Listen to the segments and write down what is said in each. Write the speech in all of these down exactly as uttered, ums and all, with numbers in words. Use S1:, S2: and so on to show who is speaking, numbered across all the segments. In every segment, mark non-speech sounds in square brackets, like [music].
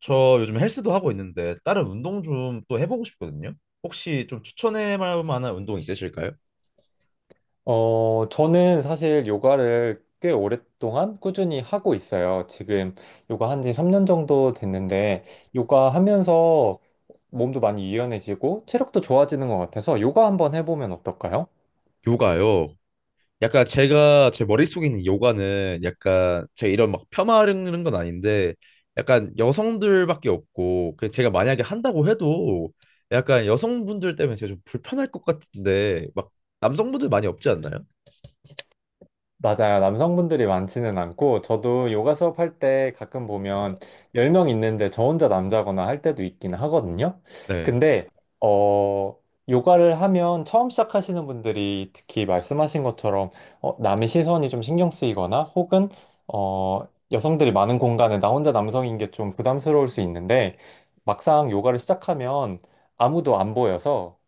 S1: 저 요즘 헬스도 하고 있는데 다른 운동 좀 또 해보고 싶거든요. 혹시 좀 추천해 볼 만한 운동 있으실까요?
S2: 어, 저는 사실 요가를 꽤 오랫동안 꾸준히 하고 있어요. 지금 요가 한지 삼 년 정도 됐는데, 요가 하면서 몸도 많이 유연해지고, 체력도 좋아지는 것 같아서 요가 한번 해보면 어떨까요?
S1: 요가요. 약간 제가 제 머릿속에 있는 요가는, 약간 제가 이런 막 폄하하는 건 아닌데 약간 여성들밖에 없고, 그 제가 만약에 한다고 해도 약간 여성분들 때문에 제가 좀 불편할 것 같은데, 막 남성분들 많이 없지 않나요?
S2: 맞아요. 남성분들이 많지는 않고, 저도 요가 수업할 때 가끔 보면 열 명 있는데 저 혼자 남자거나 할 때도 있긴 하거든요.
S1: 네.
S2: 근데, 어, 요가를 하면 처음 시작하시는 분들이 특히 말씀하신 것처럼, 어, 남의 시선이 좀 신경 쓰이거나, 혹은, 어, 여성들이 많은 공간에 나 혼자 남성인 게 좀 부담스러울 수 있는데, 막상 요가를 시작하면 아무도 안 보여서,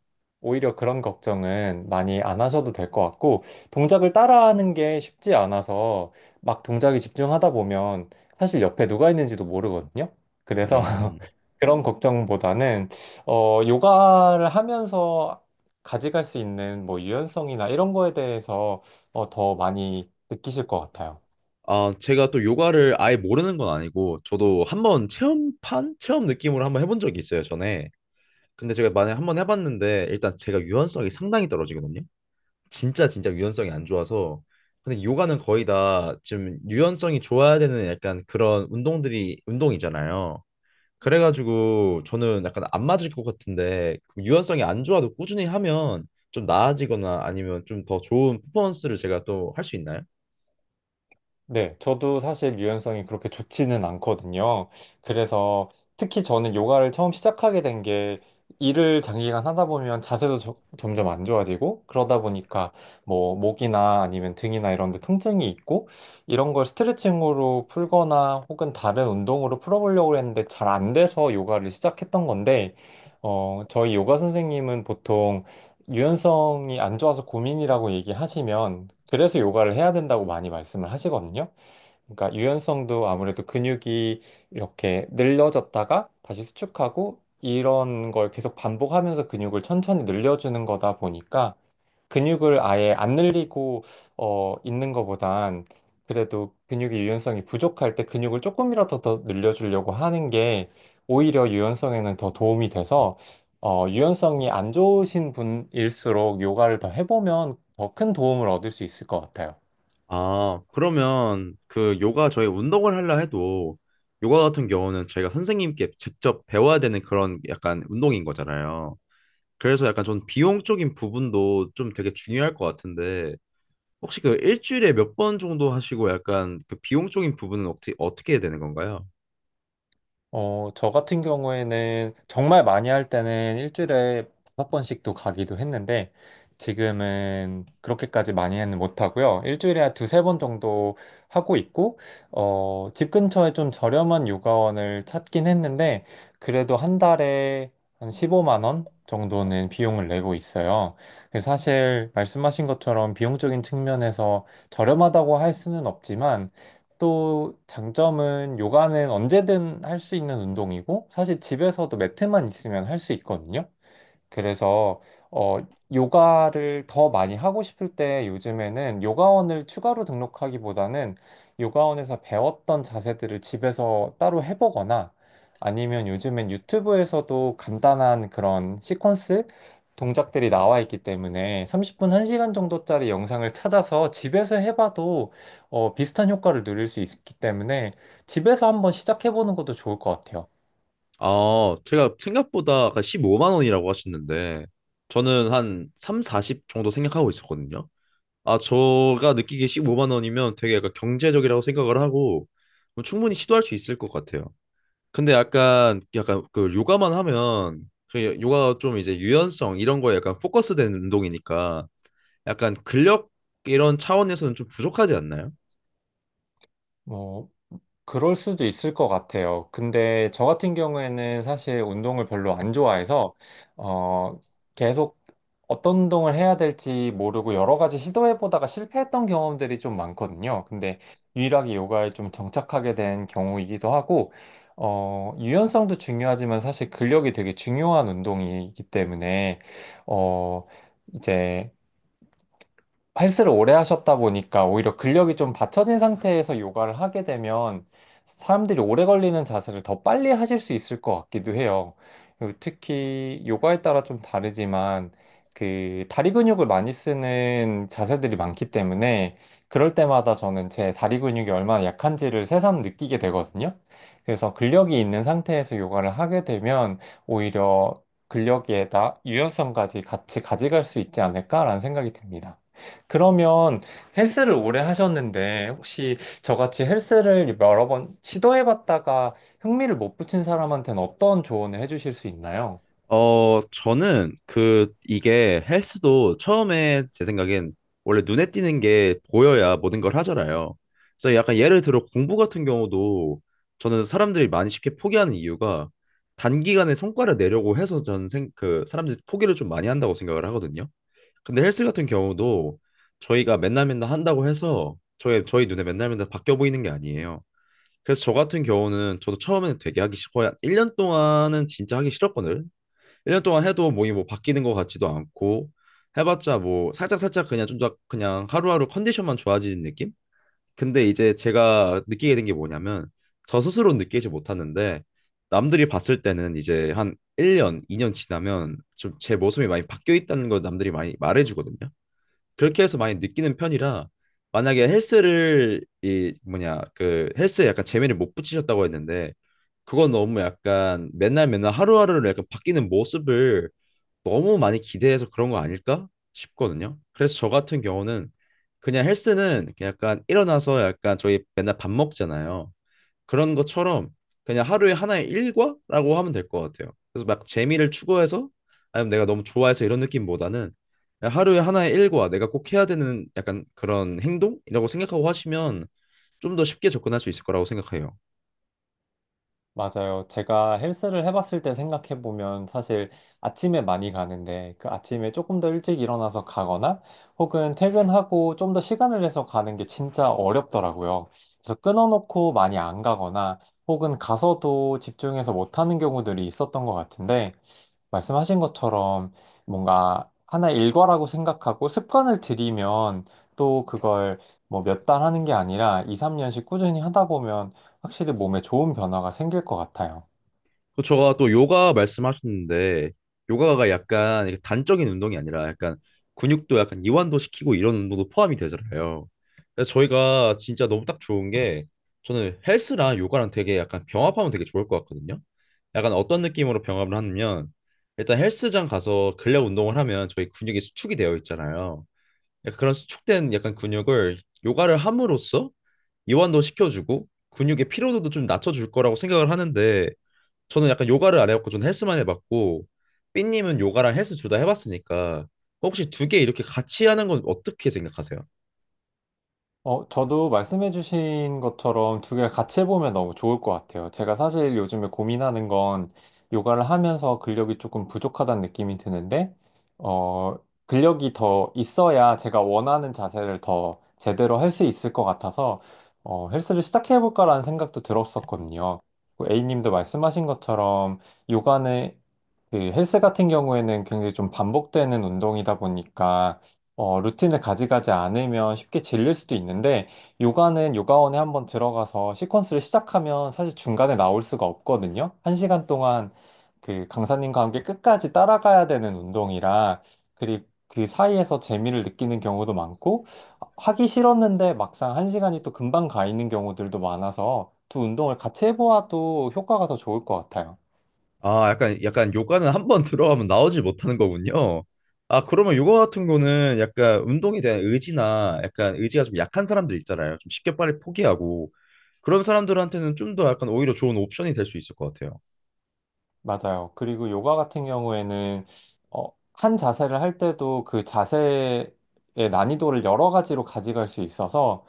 S2: 오히려 그런 걱정은 많이 안 하셔도 될 것 같고, 동작을 따라하는 게 쉽지 않아서 막 동작에 집중하다 보면 사실 옆에 누가 있는지도 모르거든요. 그래서 [laughs]
S1: 음.
S2: 그런 걱정보다는 어, 요가를 하면서 가져갈 수 있는 뭐 유연성이나 이런 거에 대해서 어, 더 많이 느끼실 것 같아요.
S1: 아, 제가 또 요가를 아예 모르는 건 아니고, 저도 한번 체험판? 체험 느낌으로 한번 해본 적이 있어요, 전에. 근데 제가 만약에 한번 해봤는데, 일단 제가 유연성이 상당히 떨어지거든요. 진짜 진짜 유연성이 안 좋아서. 근데 요가는 거의 다 지금 유연성이 좋아야 되는 약간 그런 운동들이, 운동이잖아요. 그래가지고 저는 약간 안 맞을 것 같은데, 그 유연성이 안 좋아도 꾸준히 하면 좀 나아지거나 아니면 좀 더 좋은 퍼포먼스를 제가 또 할 수 있나요?
S2: 네, 저도 사실 유연성이 그렇게 좋지는 않거든요. 그래서 특히 저는 요가를 처음 시작하게 된 게 일을 장기간 하다 보면 자세도 저- 점점 안 좋아지고 그러다 보니까 뭐 목이나 아니면 등이나 이런 데 통증이 있고 이런 걸 스트레칭으로 풀거나 혹은 다른 운동으로 풀어보려고 했는데 잘 안 돼서 요가를 시작했던 건데 어, 저희 요가 선생님은 보통 유연성이 안 좋아서 고민이라고 얘기하시면 그래서 요가를 해야 된다고 많이 말씀을 하시거든요. 그러니까 유연성도 아무래도 근육이 이렇게 늘려졌다가 다시 수축하고 이런 걸 계속 반복하면서 근육을 천천히 늘려주는 거다 보니까 근육을 아예 안 늘리고 어, 있는 것보단 그래도 근육의 유연성이 부족할 때 근육을 조금이라도 더 늘려주려고 하는 게 오히려 유연성에는 더 도움이 돼서 어, 유연성이 안 좋으신 분일수록 요가를 더 해보면 더 큰 도움을 얻을 수 있을 것 같아요.
S1: 아, 그러면 그 요가, 저희 운동을 하려 해도 요가 같은 경우는 저희가 선생님께 직접 배워야 되는 그런 약간 운동인 거잖아요. 그래서 약간 전 비용적인 부분도 좀 되게 중요할 것 같은데, 혹시 그 일주일에 몇 번 정도 하시고, 약간 그 비용적인 부분은 어떻게 어떻게 되는 건가요?
S2: 어, 저 같은 경우에는 정말 많이 할 때는 일주일에 다섯 번씩도 가기도 했는데 지금은 그렇게까지 많이는 못하고요. 일주일에 한 두세 번 정도 하고 있고, 어, 집 근처에 좀 저렴한 요가원을 찾긴 했는데 그래도 한 달에 한 십오만 원 정도는 비용을 내고 있어요. 그래서 사실 말씀하신 것처럼 비용적인 측면에서 저렴하다고 할 수는 없지만 또 장점은 요가는 언제든 할 수 있는 운동이고, 사실 집에서도 매트만 있으면 할 수 있거든요. 그래서 어 요가를 더 많이 하고 싶을 때 요즘에는 요가원을 추가로 등록하기보다는 요가원에서 배웠던 자세들을 집에서 따로 해보거나 아니면 요즘엔 유튜브에서도 간단한 그런 시퀀스 동작들이 나와 있기 때문에 삼십 분, 한 시간 정도짜리 영상을 찾아서 집에서 해봐도 어, 비슷한 효과를 누릴 수 있기 때문에 집에서 한번 시작해보는 것도 좋을 것 같아요.
S1: 아, 제가 생각보다, 아 십오만 원이라고 하셨는데 저는 한 삼십, 사십 정도 생각하고 있었거든요. 아, 제가 느끼기에 십오만 원이면 되게 약간 경제적이라고 생각을 하고, 뭐 충분히 시도할 수 있을 것 같아요. 근데 약간 약간 그 요가만 하면, 그 요가가 좀 이제 유연성 이런 거에 약간 포커스된 운동이니까, 약간 근력 이런 차원에서는 좀 부족하지 않나요?
S2: 그럴 수도 있을 것 같아요. 근데 저 같은 경우에는 사실 운동을 별로 안 좋아해서, 어, 계속 어떤 운동을 해야 될지 모르고 여러 가지 시도해보다가 실패했던 경험들이 좀 많거든요. 근데 유일하게 요가에 좀 정착하게 된 경우이기도 하고, 어, 유연성도 중요하지만 사실 근력이 되게 중요한 운동이기 때문에, 어, 이제 헬스를 오래 하셨다 보니까 오히려 근력이 좀 받쳐진 상태에서 요가를 하게 되면 사람들이 오래 걸리는 자세를 더 빨리 하실 수 있을 것 같기도 해요. 그리고 특히 요가에 따라 좀 다르지만 그 다리 근육을 많이 쓰는 자세들이 많기 때문에 그럴 때마다 저는 제 다리 근육이 얼마나 약한지를 새삼 느끼게 되거든요. 그래서 근력이 있는 상태에서 요가를 하게 되면 오히려 근력에다 유연성까지 같이 가져갈 수 있지 않을까라는 생각이 듭니다. 그러면 헬스를 오래 하셨는데 혹시 저같이 헬스를 여러 번 시도해봤다가 흥미를 못 붙인 사람한테는 어떤 조언을 해주실 수 있나요?
S1: 어, 저는 그 이게 헬스도, 처음에 제 생각엔 원래 눈에 띄는 게 보여야 모든 걸 하잖아요. 그래서 약간 예를 들어 공부 같은 경우도, 저는 사람들이 많이 쉽게 포기하는 이유가 단기간에 성과를 내려고 해서, 저는 생, 그 사람들이 포기를 좀 많이 한다고 생각을 하거든요. 근데 헬스 같은 경우도, 저희가 맨날 맨날 한다고 해서 저희 저희 눈에 맨날 맨날 바뀌어 보이는 게 아니에요. 그래서 저 같은 경우는, 저도 처음에는 되게 하기 싫고, 한 일 년 동안은 진짜 하기 싫었거든요. 일 년 동안 해도 몸이 뭐 바뀌는 것 같지도 않고, 해봤자 뭐 살짝살짝 그냥 좀 더, 그냥 하루하루 컨디션만 좋아지는 느낌? 근데 이제 제가 느끼게 된 게 뭐냐면, 저 스스로 느끼지 못하는데 남들이 봤을 때는, 이제 한 일 년, 이 년 지나면 좀 제 모습이 많이 바뀌어 있다는 걸 남들이 많이 말해주거든요. 그렇게 해서 많이 느끼는 편이라, 만약에 헬스를 이 뭐냐 그 헬스에 약간 재미를 못 붙이셨다고 했는데, 그건 너무 약간 맨날 맨날 하루하루를 약간 바뀌는 모습을 너무 많이 기대해서 그런 거 아닐까 싶거든요. 그래서 저 같은 경우는, 그냥 헬스는 그냥 약간 일어나서, 약간 저희 맨날 밥 먹잖아요. 그런 것처럼 그냥 하루에 하나의 일과라고 하면 될 것 같아요. 그래서 막 재미를 추구해서, 아니면 내가 너무 좋아해서 이런 느낌보다는, 그냥 하루에 하나의 일과, 내가 꼭 해야 되는 약간 그런 행동이라고 생각하고 하시면 좀 더 쉽게 접근할 수 있을 거라고 생각해요.
S2: 맞아요. 제가 헬스를 해봤을 때 생각해보면 사실 아침에 많이 가는데 그 아침에 조금 더 일찍 일어나서 가거나 혹은 퇴근하고 좀 더 시간을 내서 가는 게 진짜 어렵더라고요. 그래서 끊어놓고 많이 안 가거나 혹은 가서도 집중해서 못하는 경우들이 있었던 것 같은데 말씀하신 것처럼 뭔가 하나의 일과라고 생각하고 습관을 들이면 또 그걸 뭐 몇 달 하는 게 아니라 이, 삼 년씩 꾸준히 하다 보면 확실히 몸에 좋은 변화가 생길 것 같아요.
S1: 그 제가 또 요가 말씀하셨는데, 요가가 약간 이렇게 단적인 운동이 아니라, 약간 근육도 약간 이완도 시키고 이런 운동도 포함이 되잖아요. 그래서 저희가 진짜 너무 딱 좋은 게, 저는 헬스랑 요가랑 되게 약간 병합하면 되게 좋을 것 같거든요. 약간 어떤 느낌으로 병합을 하냐면, 일단 헬스장 가서 근력 운동을 하면 저희 근육이 수축이 되어 있잖아요. 약간 그런 수축된 약간 근육을 요가를 함으로써 이완도 시켜주고, 근육의 피로도도 좀 낮춰줄 거라고 생각을 하는데, 저는 약간 요가를 안 해봤고 저는 헬스만 해봤고, 삐님은 요가랑 헬스 둘 다 해봤으니까, 혹시 두 개 이렇게 같이 하는 건 어떻게 생각하세요?
S2: 어, 저도 말씀해주신 것처럼 두 개를 같이 해보면 너무 좋을 것 같아요. 제가 사실 요즘에 고민하는 건 요가를 하면서 근력이 조금 부족하다는 느낌이 드는데, 어, 근력이 더 있어야 제가 원하는 자세를 더 제대로 할 수 있을 것 같아서, 어, 헬스를 시작해볼까라는 생각도 들었었거든요. 그 A님도 말씀하신 것처럼 요가는 그 헬스 같은 경우에는 굉장히 좀 반복되는 운동이다 보니까 어, 루틴을 가져가지 않으면 쉽게 질릴 수도 있는데, 요가는 요가원에 한번 들어가서 시퀀스를 시작하면 사실 중간에 나올 수가 없거든요. 한 시간 동안 그 강사님과 함께 끝까지 따라가야 되는 운동이라, 그리고 그 사이에서 재미를 느끼는 경우도 많고, 하기 싫었는데 막상 한 시간이 또 금방 가 있는 경우들도 많아서 두 운동을 같이 해보아도 효과가 더 좋을 것 같아요.
S1: 아, 약간, 약간 요가는 한 번 [laughs] 들어가면 나오질 못하는 거군요. 아, 그러면 요가 같은 거는 약간 운동에 대한 의지나 약간 의지가 좀 약한 사람들 있잖아요. 좀 쉽게 빨리 포기하고 그런 사람들한테는 좀 더 약간 오히려 좋은 옵션이 될 수 있을 것 같아요.
S2: 맞아요. 그리고 요가 같은 경우에는 어, 한 자세를 할 때도 그 자세의 난이도를 여러 가지로 가져갈 수 있어서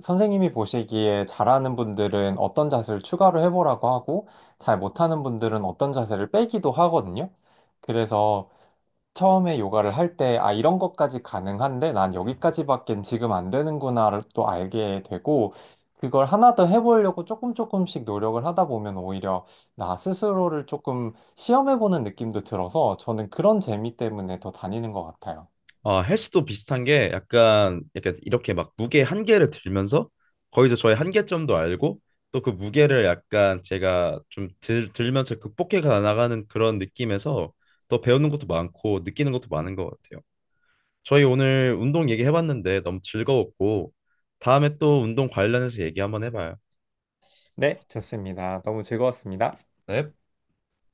S2: 선생님이 보시기에 잘하는 분들은 어떤 자세를 추가로 해보라고 하고 잘 못하는 분들은 어떤 자세를 빼기도 하거든요. 그래서 처음에 요가를 할 때, 아, 이런 것까지 가능한데, 난 여기까지밖엔 지금 안 되는구나를 또 알게 되고, 그걸 하나 더 해보려고 조금 조금씩 노력을 하다 보면 오히려 나 스스로를 조금 시험해보는 느낌도 들어서 저는 그런 재미 때문에 더 다니는 것 같아요.
S1: 어, 헬스도 비슷한 게, 약간 약간 이렇게 막 무게 한계를 들면서 거기서 저의 한계점도 알고, 또 그 무게를 약간 제가 좀 들, 들면서 극복해 가 나가는 그런 느낌에서 더 배우는 것도 많고 느끼는 것도 많은 것 같아요. 저희 오늘 운동 얘기해봤는데 너무 즐거웠고, 다음에 또 운동 관련해서 얘기 한번 해봐요.
S2: 네, 좋습니다. 너무 즐거웠습니다.
S1: 네.